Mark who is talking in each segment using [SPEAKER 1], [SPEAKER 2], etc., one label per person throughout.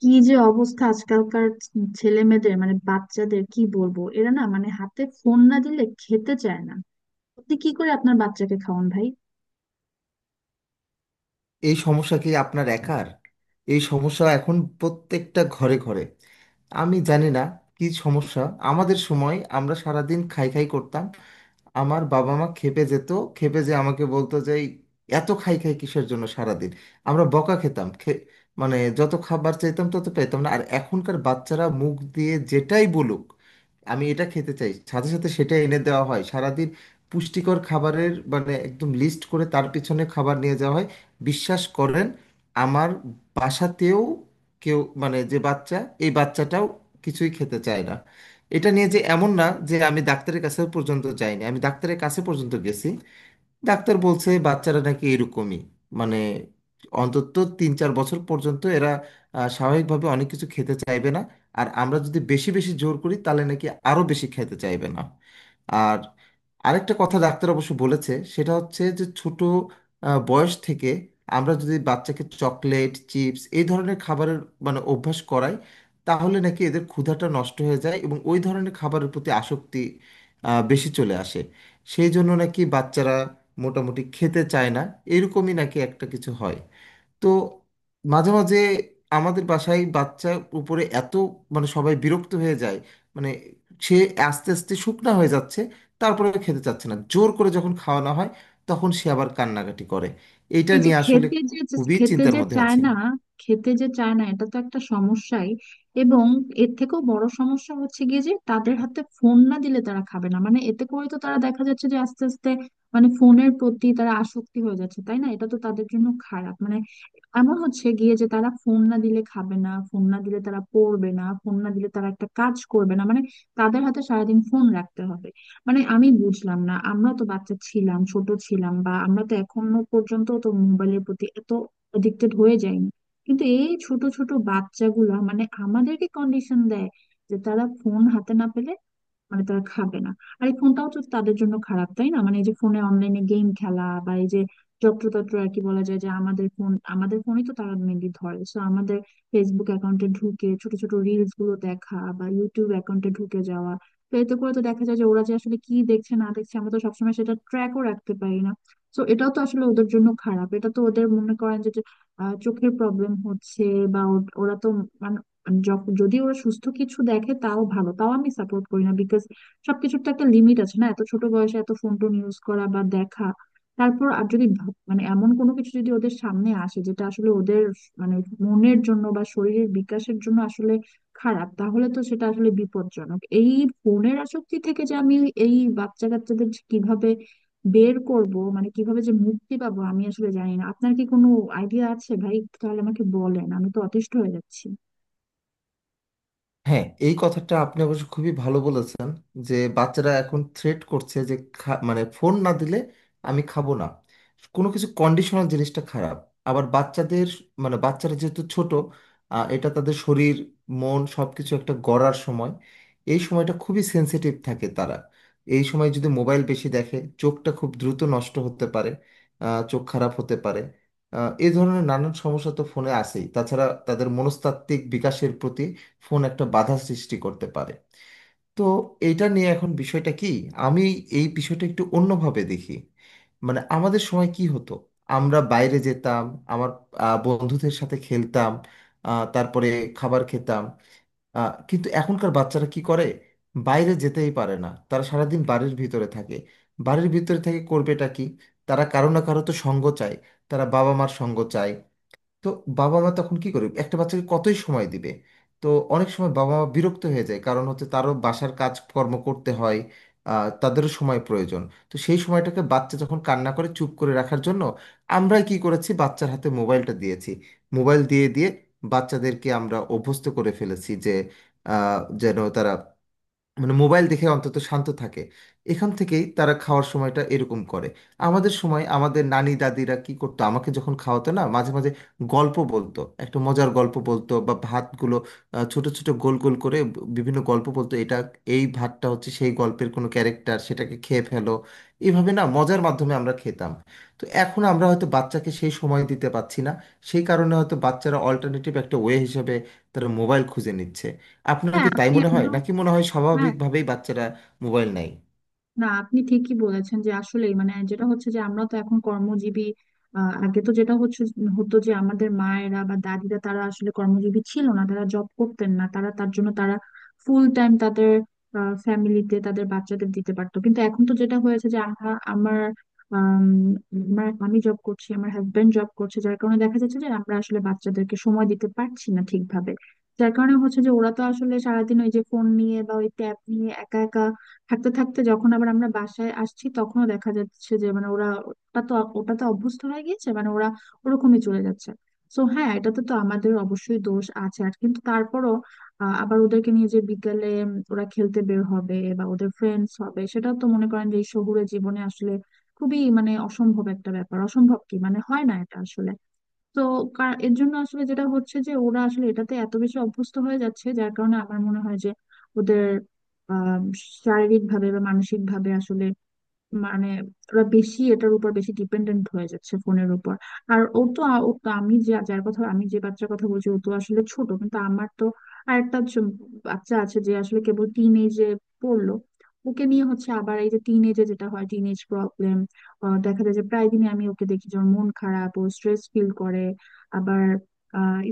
[SPEAKER 1] কি যে অবস্থা আজকালকার ছেলে মেয়েদের, বাচ্চাদের কি বলবো, এরা না হাতে ফোন না দিলে খেতে চায় না। আপনি কি করে আপনার বাচ্চাকে খাওয়ান ভাই?
[SPEAKER 2] এই সমস্যা কি আপনার একার? এই সমস্যা এখন প্রত্যেকটা ঘরে ঘরে। আমি জানি না কি সমস্যা। আমাদের সময় আমরা সারাদিন খাই খাই করতাম। আমার বাবা মা খেপে যেত। খেপে যে আমাকে বলতো যে "এই, এত খাই খাই কিসের জন্য সারাদিন।" আমরা বকা খেতাম। মানে যত খাবার চাইতাম তত পেতাম না। আর এখনকার বাচ্চারা মুখ দিয়ে যেটাই বলুক, আমি এটা খেতে চাই, সাথে সাথে সেটা এনে দেওয়া হয়। সারাদিন পুষ্টিকর খাবারের মানে একদম লিস্ট করে তার পিছনে খাবার নিয়ে যাওয়া হয়। বিশ্বাস করেন, আমার বাসাতেও কেউ মানে যে বাচ্চা, এই বাচ্চাটাও কিছুই খেতে চায় না। এটা নিয়ে যে এমন না যে আমি ডাক্তারের কাছে পর্যন্ত যাইনি, আমি ডাক্তারের কাছে পর্যন্ত গেছি। ডাক্তার বলছে বাচ্চারা নাকি এরকমই। মানে অন্তত 3 4 বছর পর্যন্ত এরা স্বাভাবিকভাবে অনেক কিছু খেতে চাইবে না। আর আমরা যদি বেশি বেশি জোর করি তাহলে নাকি আরো বেশি খেতে চাইবে না। আর আরেকটা কথা ডাক্তার অবশ্য বলেছে, সেটা হচ্ছে যে ছোট বয়স থেকে আমরা যদি বাচ্চাকে চকলেট চিপস এই ধরনের খাবারের মানে অভ্যাস করাই, তাহলে নাকি এদের ক্ষুধাটা নষ্ট হয়ে যায় এবং ওই ধরনের খাবারের প্রতি আসক্তি বেশি চলে আসে। সেই জন্য নাকি বাচ্চারা মোটামুটি খেতে চায় না। এরকমই নাকি একটা কিছু হয়। তো মাঝে মাঝে আমাদের বাসায় বাচ্চার উপরে এত, মানে সবাই বিরক্ত হয়ে যায়। মানে সে আস্তে আস্তে শুকনা হয়ে যাচ্ছে। তারপরে খেতে চাচ্ছে না, জোর করে যখন খাওয়ানো হয় তখন সে আবার কান্নাকাটি করে। এইটা
[SPEAKER 1] এই যে
[SPEAKER 2] নিয়ে আসলে
[SPEAKER 1] খেতে যে
[SPEAKER 2] খুবই
[SPEAKER 1] খেতে
[SPEAKER 2] চিন্তার
[SPEAKER 1] যে
[SPEAKER 2] মধ্যে
[SPEAKER 1] চায়
[SPEAKER 2] আছে।
[SPEAKER 1] না খেতে যে চায় না এটা তো একটা সমস্যাই। এবং এর থেকেও বড় সমস্যা হচ্ছে গিয়ে যে, তাদের হাতে ফোন না দিলে তারা খাবে না। এতে করে তো তারা, দেখা যাচ্ছে যে আস্তে আস্তে ফোনের প্রতি তারা আসক্তি হয়ে যাচ্ছে, তাই না? এটা তো তাদের জন্য খারাপ। এমন হচ্ছে গিয়ে যে, তারা ফোন না দিলে খাবে না, ফোন না দিলে তারা পড়বে না, ফোন না দিলে তারা একটা কাজ করবে না। তাদের হাতে সারাদিন ফোন রাখতে হবে। আমি বুঝলাম না, আমরা তো বাচ্চা ছিলাম, ছোট ছিলাম, বা আমরা তো এখনো পর্যন্ত তো মোবাইলের প্রতি এত এডিক্টেড হয়ে যাইনি। কিন্তু এই ছোট ছোট বাচ্চাগুলা আমাদেরকে কন্ডিশন দেয় যে, তারা ফোন হাতে না পেলে তারা খাবে না। আর এই ফোনটাও তো তাদের জন্য খারাপ, তাই না? এই যে ফোনে অনলাইনে গেম খেলা, বা এই যে যত্রতত্র আর কি বলা যায়, যে আমাদের ফোন, আমাদের ফোনই তো তারা মেনলি ধরে, সো আমাদের ফেসবুক অ্যাকাউন্টে ঢুকে ছোট ছোট রিলস গুলো দেখা, বা ইউটিউব অ্যাকাউন্টে ঢুকে যাওয়া। তো এতে করে তো দেখা যায় যে, ওরা যে আসলে কি দেখছে না দেখছে, আমরা তো সবসময় সেটা ট্র্যাকও রাখতে পারি না। তো এটাও তো আসলে ওদের জন্য খারাপ। এটা তো ওদের, মনে করেন যে, চোখের প্রবলেম হচ্ছে। ওরা তো মানে যখন, যদি ওরা সুস্থ কিছু দেখে তাও ভালো, তাও আমি সাপোর্ট করি না, বিকজ সবকিছুর তো একটা লিমিট আছে, না? এত ছোট বয়সে এত ফোন টোন ইউজ করা বা দেখা, তারপর আর যদি এমন কোনো কিছু যদি ওদের সামনে আসে, যেটা আসলে ওদের মানে মনের জন্য বা শরীরের বিকাশের জন্য আসলে খারাপ, তাহলে তো সেটা আসলে বিপজ্জনক। এই ফোনের আসক্তি থেকে যে আমি এই বাচ্চা কাচ্চাদের যে কিভাবে বের করব, কিভাবে যে মুক্তি পাবো, আমি আসলে জানি না। আপনার কি কোনো আইডিয়া আছে ভাই? তাহলে আমাকে বলেন, আমি তো অতিষ্ঠ হয়ে যাচ্ছি।
[SPEAKER 2] হ্যাঁ, এই কথাটা আপনি অবশ্য খুবই ভালো বলেছেন, যে বাচ্চারা এখন থ্রেট করছে যে মানে ফোন না দিলে আমি খাবো না। কোনো কিছু কন্ডিশনাল জিনিসটা খারাপ। আবার বাচ্চাদের মানে বাচ্চারা যেহেতু ছোট, এটা তাদের শরীর মন সবকিছু একটা গড়ার সময়। এই সময়টা খুবই সেনসিটিভ থাকে তারা। এই সময় যদি মোবাইল বেশি দেখে, চোখটা খুব দ্রুত নষ্ট হতে পারে। চোখ খারাপ হতে পারে। এই ধরনের নানান সমস্যা তো ফোনে আসেই, তাছাড়া তাদের মনস্তাত্ত্বিক বিকাশের প্রতি ফোন একটা বাধা সৃষ্টি করতে পারে। তো এটা নিয়ে এখন বিষয়টা কি, আমি এই বিষয়টা একটু অন্যভাবে দেখি। মানে আমাদের সময় কি হতো, আমরা বাইরে যেতাম। আমার বন্ধুদের সাথে খেলতাম। তারপরে খাবার খেতাম। কিন্তু এখনকার বাচ্চারা কি করে, বাইরে যেতেই পারে না, তারা সারাদিন বাড়ির ভিতরে থাকে। বাড়ির ভিতরে থেকে করবেটা কি? তারা কারো না কারো তো সঙ্গ চায়। তারা বাবা মার সঙ্গ চায়। তো বাবা মা তখন কি করবে, একটা বাচ্চাকে কতই সময় দিবে। তো অনেক সময় বাবা মা বিরক্ত হয়ে যায় কারণ হচ্ছে তারও বাসার কাজকর্ম করতে হয়। তাদেরও সময় প্রয়োজন। তো সেই সময়টাকে বাচ্চা যখন কান্না করে, চুপ করে রাখার জন্য আমরাই কি করেছি, বাচ্চার হাতে মোবাইলটা দিয়েছি। মোবাইল দিয়ে দিয়ে বাচ্চাদেরকে আমরা অভ্যস্ত করে ফেলেছি যে যেন তারা মানে মোবাইল দেখে অন্তত শান্ত থাকে। এখান থেকেই তারা খাওয়ার সময়টা এরকম করে। আমাদের সময় আমাদের নানি দাদিরা কি করতো, আমাকে যখন খাওয়াতো না মাঝে মাঝে, গল্প বলতো, একটা মজার গল্প বলতো, বা ভাতগুলো ছোট ছোট গোল গোল করে বিভিন্ন গল্প বলতো, এটা এই ভাতটা হচ্ছে সেই গল্পের কোনো ক্যারেক্টার, সেটাকে খেয়ে ফেলো। এইভাবে না মজার মাধ্যমে আমরা খেতাম। তো এখন আমরা হয়তো বাচ্চাকে সেই সময় দিতে পারছি না। সেই কারণে হয়তো বাচ্চারা অল্টারনেটিভ একটা ওয়ে হিসেবে তারা মোবাইল খুঁজে নিচ্ছে। আপনার
[SPEAKER 1] হ্যাঁ,
[SPEAKER 2] কি তাই
[SPEAKER 1] আপনি
[SPEAKER 2] মনে হয়
[SPEAKER 1] একদম,
[SPEAKER 2] নাকি মনে হয়
[SPEAKER 1] হ্যাঁ,
[SPEAKER 2] স্বাভাবিকভাবেই বাচ্চারা মোবাইল নেয়?
[SPEAKER 1] না আপনি ঠিকই বলেছেন যে আসলে, যেটা হচ্ছে যে, আমরা তো এখন কর্মজীবী। আগে তো যেটা হতো যে, আমাদের মায়েরা বা দাদিরা তারা আসলে কর্মজীবী ছিল না, তারা জব করতেন না, তারা, তার জন্য তারা ফুল টাইম তাদের ফ্যামিলিতে তাদের বাচ্চাদের দিতে পারতো। কিন্তু এখন তো যেটা হয়েছে যে, আমরা আমার আম, আমার আমি জব করছি, আমার হাজবেন্ড জব করছে, যার কারণে দেখা যাচ্ছে যে, আমরা আসলে বাচ্চাদেরকে সময় দিতে পারছি না ঠিকভাবে। যার কারণে হচ্ছে যে, ওরা তো আসলে সারাদিন ওই যে ফোন নিয়ে বা ওই ট্যাব নিয়ে একা একা থাকতে থাকতে, যখন আবার আমরা বাসায় আসছি, তখনও দেখা যাচ্ছে যে, ওরা ওটা তো ওটা তো অভ্যস্ত হয়ে গিয়েছে। ওরা ওরকমই চলে যাচ্ছে। তো হ্যাঁ, এটাতে তো আমাদের অবশ্যই দোষ আছে আর, কিন্তু তারপরও আবার ওদেরকে নিয়ে যে বিকালে, ওরা খেলতে বের হবে বা ওদের ফ্রেন্ডস হবে, সেটাও তো মনে করেন যে এই শহুরে জীবনে আসলে খুবই অসম্ভব একটা ব্যাপার। অসম্ভব কি হয় না এটা আসলে। তো এর জন্য আসলে যেটা হচ্ছে যে, ওরা আসলে এটাতে এত বেশি অভ্যস্ত হয়ে যাচ্ছে, যার কারণে আমার মনে হয় যে, ওদের শারীরিক ভাবে বা মানসিক ভাবে আসলে, মানে ওরা এটার উপর বেশি ডিপেন্ডেন্ট হয়ে যাচ্ছে, ফোনের উপর। আর ও তো আ- ও তো, আমি যে, বাচ্চার কথা বলছি, ও তো আসলে ছোট। কিন্তু আমার তো আরেকটা বাচ্চা আছে, যে আসলে কেবল টিন এজে পড়লো। ওকে নিয়ে হচ্ছে আবার, এই যে টিন এজে যেটা হয় টিন এজ প্রবলেম, দেখা যায় যে প্রায় দিনই আমি ওকে দেখি যে ওর মন খারাপ, ও স্ট্রেস ফিল করে। আবার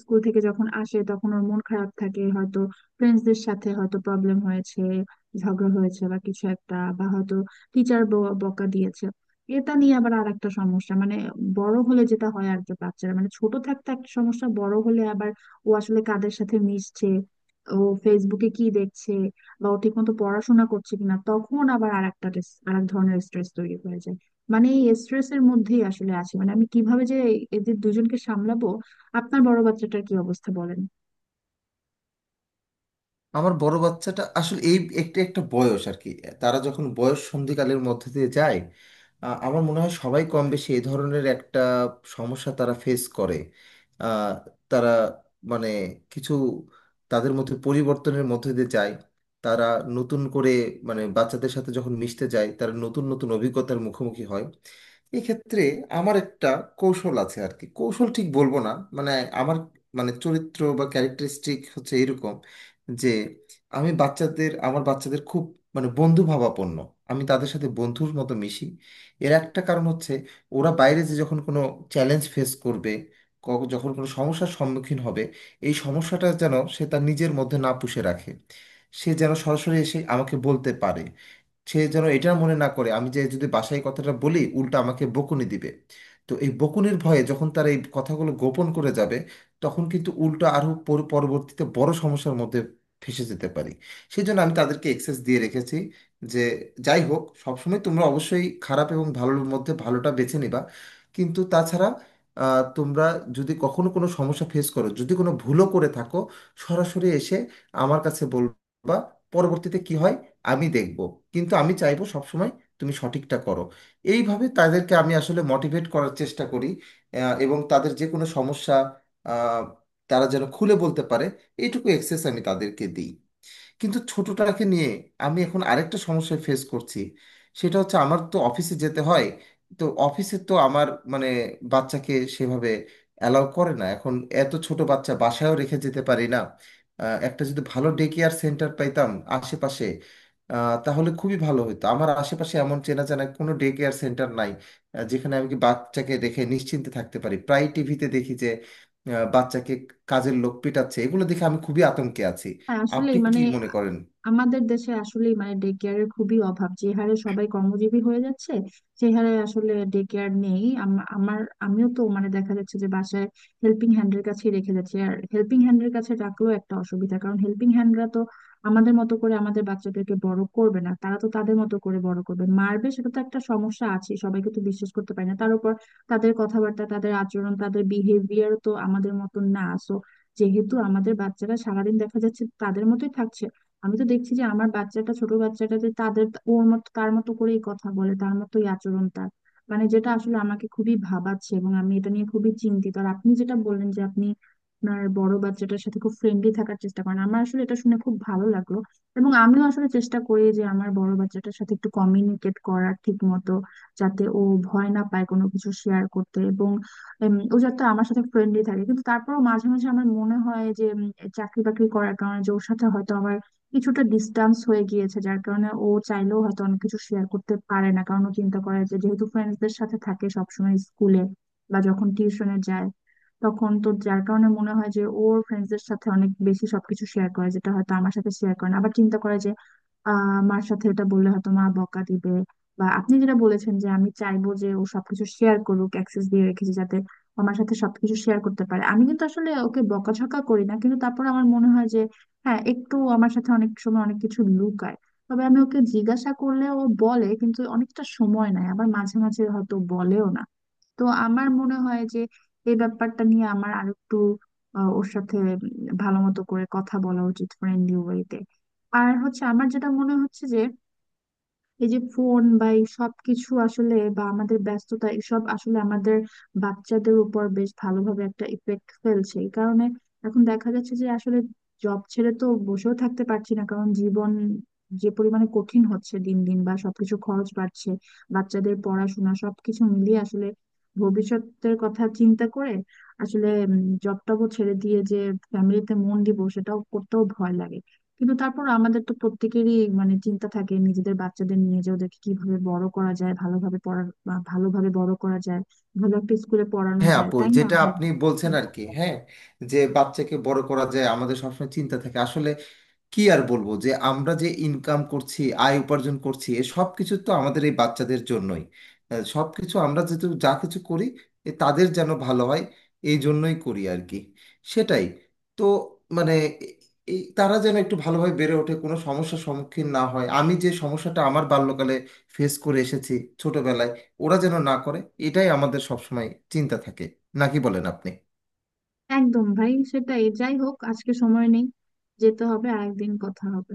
[SPEAKER 1] স্কুল থেকে যখন আসে, তখন ওর মন খারাপ থাকে, হয়তো ফ্রেন্ডসদের সাথে হয়তো প্রবলেম হয়েছে, ঝগড়া হয়েছে, বা কিছু একটা, বা হয়তো টিচার বকা দিয়েছে। এটা নিয়ে আবার আর একটা সমস্যা। বড় হলে যেটা হয় আর কি, বাচ্চারা, ছোট থাকতে একটা সমস্যা, বড় হলে আবার ও আসলে কাদের সাথে মিশছে, ও ফেসবুকে কি দেখছে, বা ও ঠিক মতো পড়াশোনা করছে কিনা, তখন আবার আর এক ধরনের স্ট্রেস তৈরি হয়ে যায়। এই স্ট্রেসের মধ্যেই আসলে আছি। আমি কিভাবে যে এদের দুজনকে সামলাবো। আপনার বড় বাচ্চাটার কি অবস্থা বলেন?
[SPEAKER 2] আমার বড় বাচ্চাটা আসলে এই, একটা একটা বয়স আর কি, তারা যখন বয়স সন্ধিকালের মধ্যে দিয়ে যায়, আমার মনে হয় সবাই কম বেশি এই ধরনের একটা সমস্যা তারা ফেস করে। আহ, তারা মানে কিছু তাদের মধ্যে পরিবর্তনের মধ্যে দিয়ে যায়। তারা নতুন করে মানে বাচ্চাদের সাথে যখন মিশতে যায়, তারা নতুন নতুন অভিজ্ঞতার মুখোমুখি হয়। এক্ষেত্রে আমার একটা কৌশল আছে আর কি, কৌশল ঠিক বলবো না, মানে আমার মানে চরিত্র বা ক্যারেক্টারিস্টিক হচ্ছে এরকম যে আমি বাচ্চাদের, আমার বাচ্চাদের খুব মানে বন্ধু ভাবাপন্ন, আমি তাদের সাথে বন্ধুর মতো মিশি। এর একটা কারণ হচ্ছে ওরা বাইরে যে যখন কোনো চ্যালেঞ্জ ফেস করবে, যখন কোনো সমস্যার সম্মুখীন হবে, এই সমস্যাটা যেন সে তার নিজের মধ্যে না পুষে রাখে। সে যেন সরাসরি এসে আমাকে বলতে পারে। সে যেন এটা মনে না করে আমি যে যদি বাসায় এই কথাটা বলি উল্টা আমাকে বকুনি দিবে। তো এই বকুনির ভয়ে যখন তারা এই কথাগুলো গোপন করে যাবে, তখন কিন্তু উল্টো আরও পরবর্তীতে বড় সমস্যার মধ্যে ফেঁসে যেতে পারি। সেই জন্য আমি তাদেরকে এক্সেস দিয়ে রেখেছি যে যাই হোক সবসময় তোমরা অবশ্যই খারাপ এবং ভালোর মধ্যে ভালোটা বেছে নিবা। কিন্তু তাছাড়া তোমরা যদি কখনো কোনো সমস্যা ফেস করো, যদি কোনো ভুলও করে থাকো, সরাসরি এসে আমার কাছে বলবা। পরবর্তীতে কি হয় আমি দেখব, কিন্তু আমি চাইবো সবসময় তুমি সঠিকটা করো। এইভাবে তাদেরকে আমি আসলে মোটিভেট করার চেষ্টা করি। এবং তাদের যে কোনো সমস্যা আহ, তারা যেন খুলে বলতে পারে, এইটুকু এক্সেস আমি তাদেরকে দিই। কিন্তু ছোটটাকে নিয়ে আমি এখন আরেকটা সমস্যায় ফেস করছি। সেটা হচ্ছে আমার তো অফিসে যেতে হয়। তো অফিসে তো আমার মানে বাচ্চাকে সেভাবে অ্যালাউ করে না এখন। এত ছোট বাচ্চা বাসায়ও রেখে যেতে পারি না। একটা যদি ভালো ডে কেয়ার সেন্টার পাইতাম আশেপাশে, তাহলে খুবই ভালো হতো। আমার আশেপাশে এমন চেনা জানা কোনো ডে কেয়ার সেন্টার নাই যেখানে আমি কি বাচ্চাকে রেখে নিশ্চিন্তে থাকতে পারি। প্রায় টিভিতে দেখি যে বাচ্চাকে কাজের লোক পেটাচ্ছে, এগুলো দেখে আমি খুবই আতঙ্কে আছি।
[SPEAKER 1] হ্যাঁ,
[SPEAKER 2] আপনি
[SPEAKER 1] আসলেই,
[SPEAKER 2] কি মনে করেন?
[SPEAKER 1] আমাদের দেশে আসলেই ডে কেয়ারের খুবই অভাব। যে হারে সবাই কর্মজীবী হয়ে যাচ্ছে, সে হারে আসলে ডে কেয়ার নেই। আমার, আমিও তো দেখা যাচ্ছে যে, বাসায় হেল্পিং হ্যান্ডের কাছে রেখে যাচ্ছি, আর হেল্পিং হ্যান্ডের কাছে রাখলেও একটা অসুবিধা, কারণ হেল্পিং হ্যান্ডরা তো আমাদের মতো করে আমাদের বাচ্চাদেরকে বড় করবে না, তারা তো তাদের মতো করে বড় করবে, মারবে, সেটা তো একটা সমস্যা আছে। সবাইকে তো বিশ্বাস করতে পারি না। তার উপর তাদের কথাবার্তা, তাদের আচরণ, তাদের বিহেভিয়ার তো আমাদের মতো না। So যেহেতু আমাদের বাচ্চারা সারাদিন দেখা যাচ্ছে তাদের মতোই থাকছে, আমি তো দেখছি যে আমার বাচ্চাটা, ছোট বাচ্চাটা যে, তাদের ওর মতো তার মতো করেই কথা বলে, তার মতোই আচরণ তার। যেটা আসলে আমাকে খুবই ভাবাচ্ছে এবং আমি এটা নিয়ে খুবই চিন্তিত। আর আপনি যেটা বললেন যে, আপনি আপনার বড় বাচ্চাটার সাথে খুব ফ্রেন্ডলি থাকার চেষ্টা করেন, আমার আসলে এটা শুনে খুব ভালো লাগলো। এবং আমিও আসলে চেষ্টা করি যে আমার বড় বাচ্চাটার সাথে একটু কমিউনিকেট করার ঠিক মতো, যাতে ও ভয় না পায় কোনো কিছু শেয়ার করতে, এবং ও যাতে আমার সাথে ফ্রেন্ডলি থাকে। কিন্তু তারপরও মাঝে মাঝে আমার মনে হয় যে, চাকরি বাকরি করার কারণে যে ওর সাথে হয়তো আমার কিছুটা ডিস্টেন্স হয়ে গিয়েছে, যার কারণে ও চাইলেও হয়তো অনেক কিছু শেয়ার করতে পারে না, কারণ ও চিন্তা করে যে যেহেতু ফ্রেন্ডসদের সাথে থাকে সবসময় স্কুলে বা যখন টিউশনে যায়, তখন তো, যার কারণে মনে হয় যে ওর ফ্রেন্ডসদের সাথে অনেক বেশি সবকিছু শেয়ার করে, যেটা হয়তো আমার সাথে শেয়ার করে না, আবার চিন্তা করে যে মার সাথে এটা বললে হয়তো মা বকা দিবে। বা আপনি যেটা বলেছেন যে আমি চাইবো যে ও সবকিছু শেয়ার করুক, অ্যাক্সেস দিয়ে রেখেছি যাতে আমার সাথে সবকিছু শেয়ার করতে পারে, আমি কিন্তু আসলে ওকে বকাঝকা করি না। কিন্তু তারপর আমার মনে হয় যে হ্যাঁ, একটু আমার সাথে অনেক সময় অনেক কিছু লুকায়। তবে আমি ওকে জিজ্ঞাসা করলে ও বলে, কিন্তু অনেকটা সময় নেয়, আবার মাঝে মাঝে হয়তো বলেও না। তো আমার মনে হয় যে এই ব্যাপারটা নিয়ে আমার আরেকটু ওর সাথে ভালো মতো করে কথা বলা উচিত, ফ্রেন্ডলি ওয়েতে। আর হচ্ছে, আমার যেটা মনে হচ্ছে যে, এই যে ফোন বা এই সবকিছু আসলে, বা আমাদের ব্যস্ততা, এসব আসলে আমাদের বাচ্চাদের উপর বেশ ভালোভাবে একটা ইফেক্ট ফেলছে। এই কারণে এখন দেখা যাচ্ছে যে আসলে, জব ছেড়ে তো বসেও থাকতে পারছি না, কারণ জীবন যে পরিমাণে কঠিন হচ্ছে দিন দিন, বা সবকিছু খরচ বাড়ছে, বাচ্চাদের পড়াশোনা, সবকিছু মিলিয়ে আসলে ভবিষ্যতের কথা চিন্তা করে, আসলে জবটাও ছেড়ে দিয়ে যে ফ্যামিলিতে মন দিব, সেটাও করতেও ভয় লাগে। কিন্তু তারপর আমাদের তো প্রত্যেকেরই চিন্তা থাকে নিজেদের বাচ্চাদের নিয়ে, যে ওদেরকে কিভাবে বড় করা যায়, ভালোভাবে পড়া বা ভালোভাবে বড় করা যায়, ভালো একটা স্কুলে পড়ানো
[SPEAKER 2] হ্যাঁ
[SPEAKER 1] যায়,
[SPEAKER 2] আপু,
[SPEAKER 1] তাই না
[SPEAKER 2] যেটা
[SPEAKER 1] ভাই?
[SPEAKER 2] আপনি বলছেন আর কি, হ্যাঁ, যে বাচ্চাকে বড় করা যায় আমাদের সবসময় চিন্তা থাকে আসলে। কি আর বলবো, যে আমরা যে ইনকাম করছি, আয় উপার্জন করছি, এ সব কিছু তো আমাদের এই বাচ্চাদের জন্যই। সব কিছু আমরা যেহেতু যা কিছু করি, এ তাদের যেন ভালো হয় এই জন্যই করি আর কি। সেটাই। তো মানে এ- এই তারা যেন একটু ভালোভাবে বেড়ে ওঠে, কোনো সমস্যার সম্মুখীন না হয়। আমি যে সমস্যাটা আমার বাল্যকালে ফেস করে এসেছি ছোটবেলায়, ওরা যেন না করে। এটাই আমাদের সবসময় চিন্তা থাকে। নাকি বলেন আপনি?
[SPEAKER 1] একদম ভাই, সেটাই। যাই হোক, আজকে সময় নেই, যেতে হবে, আরেকদিন কথা হবে।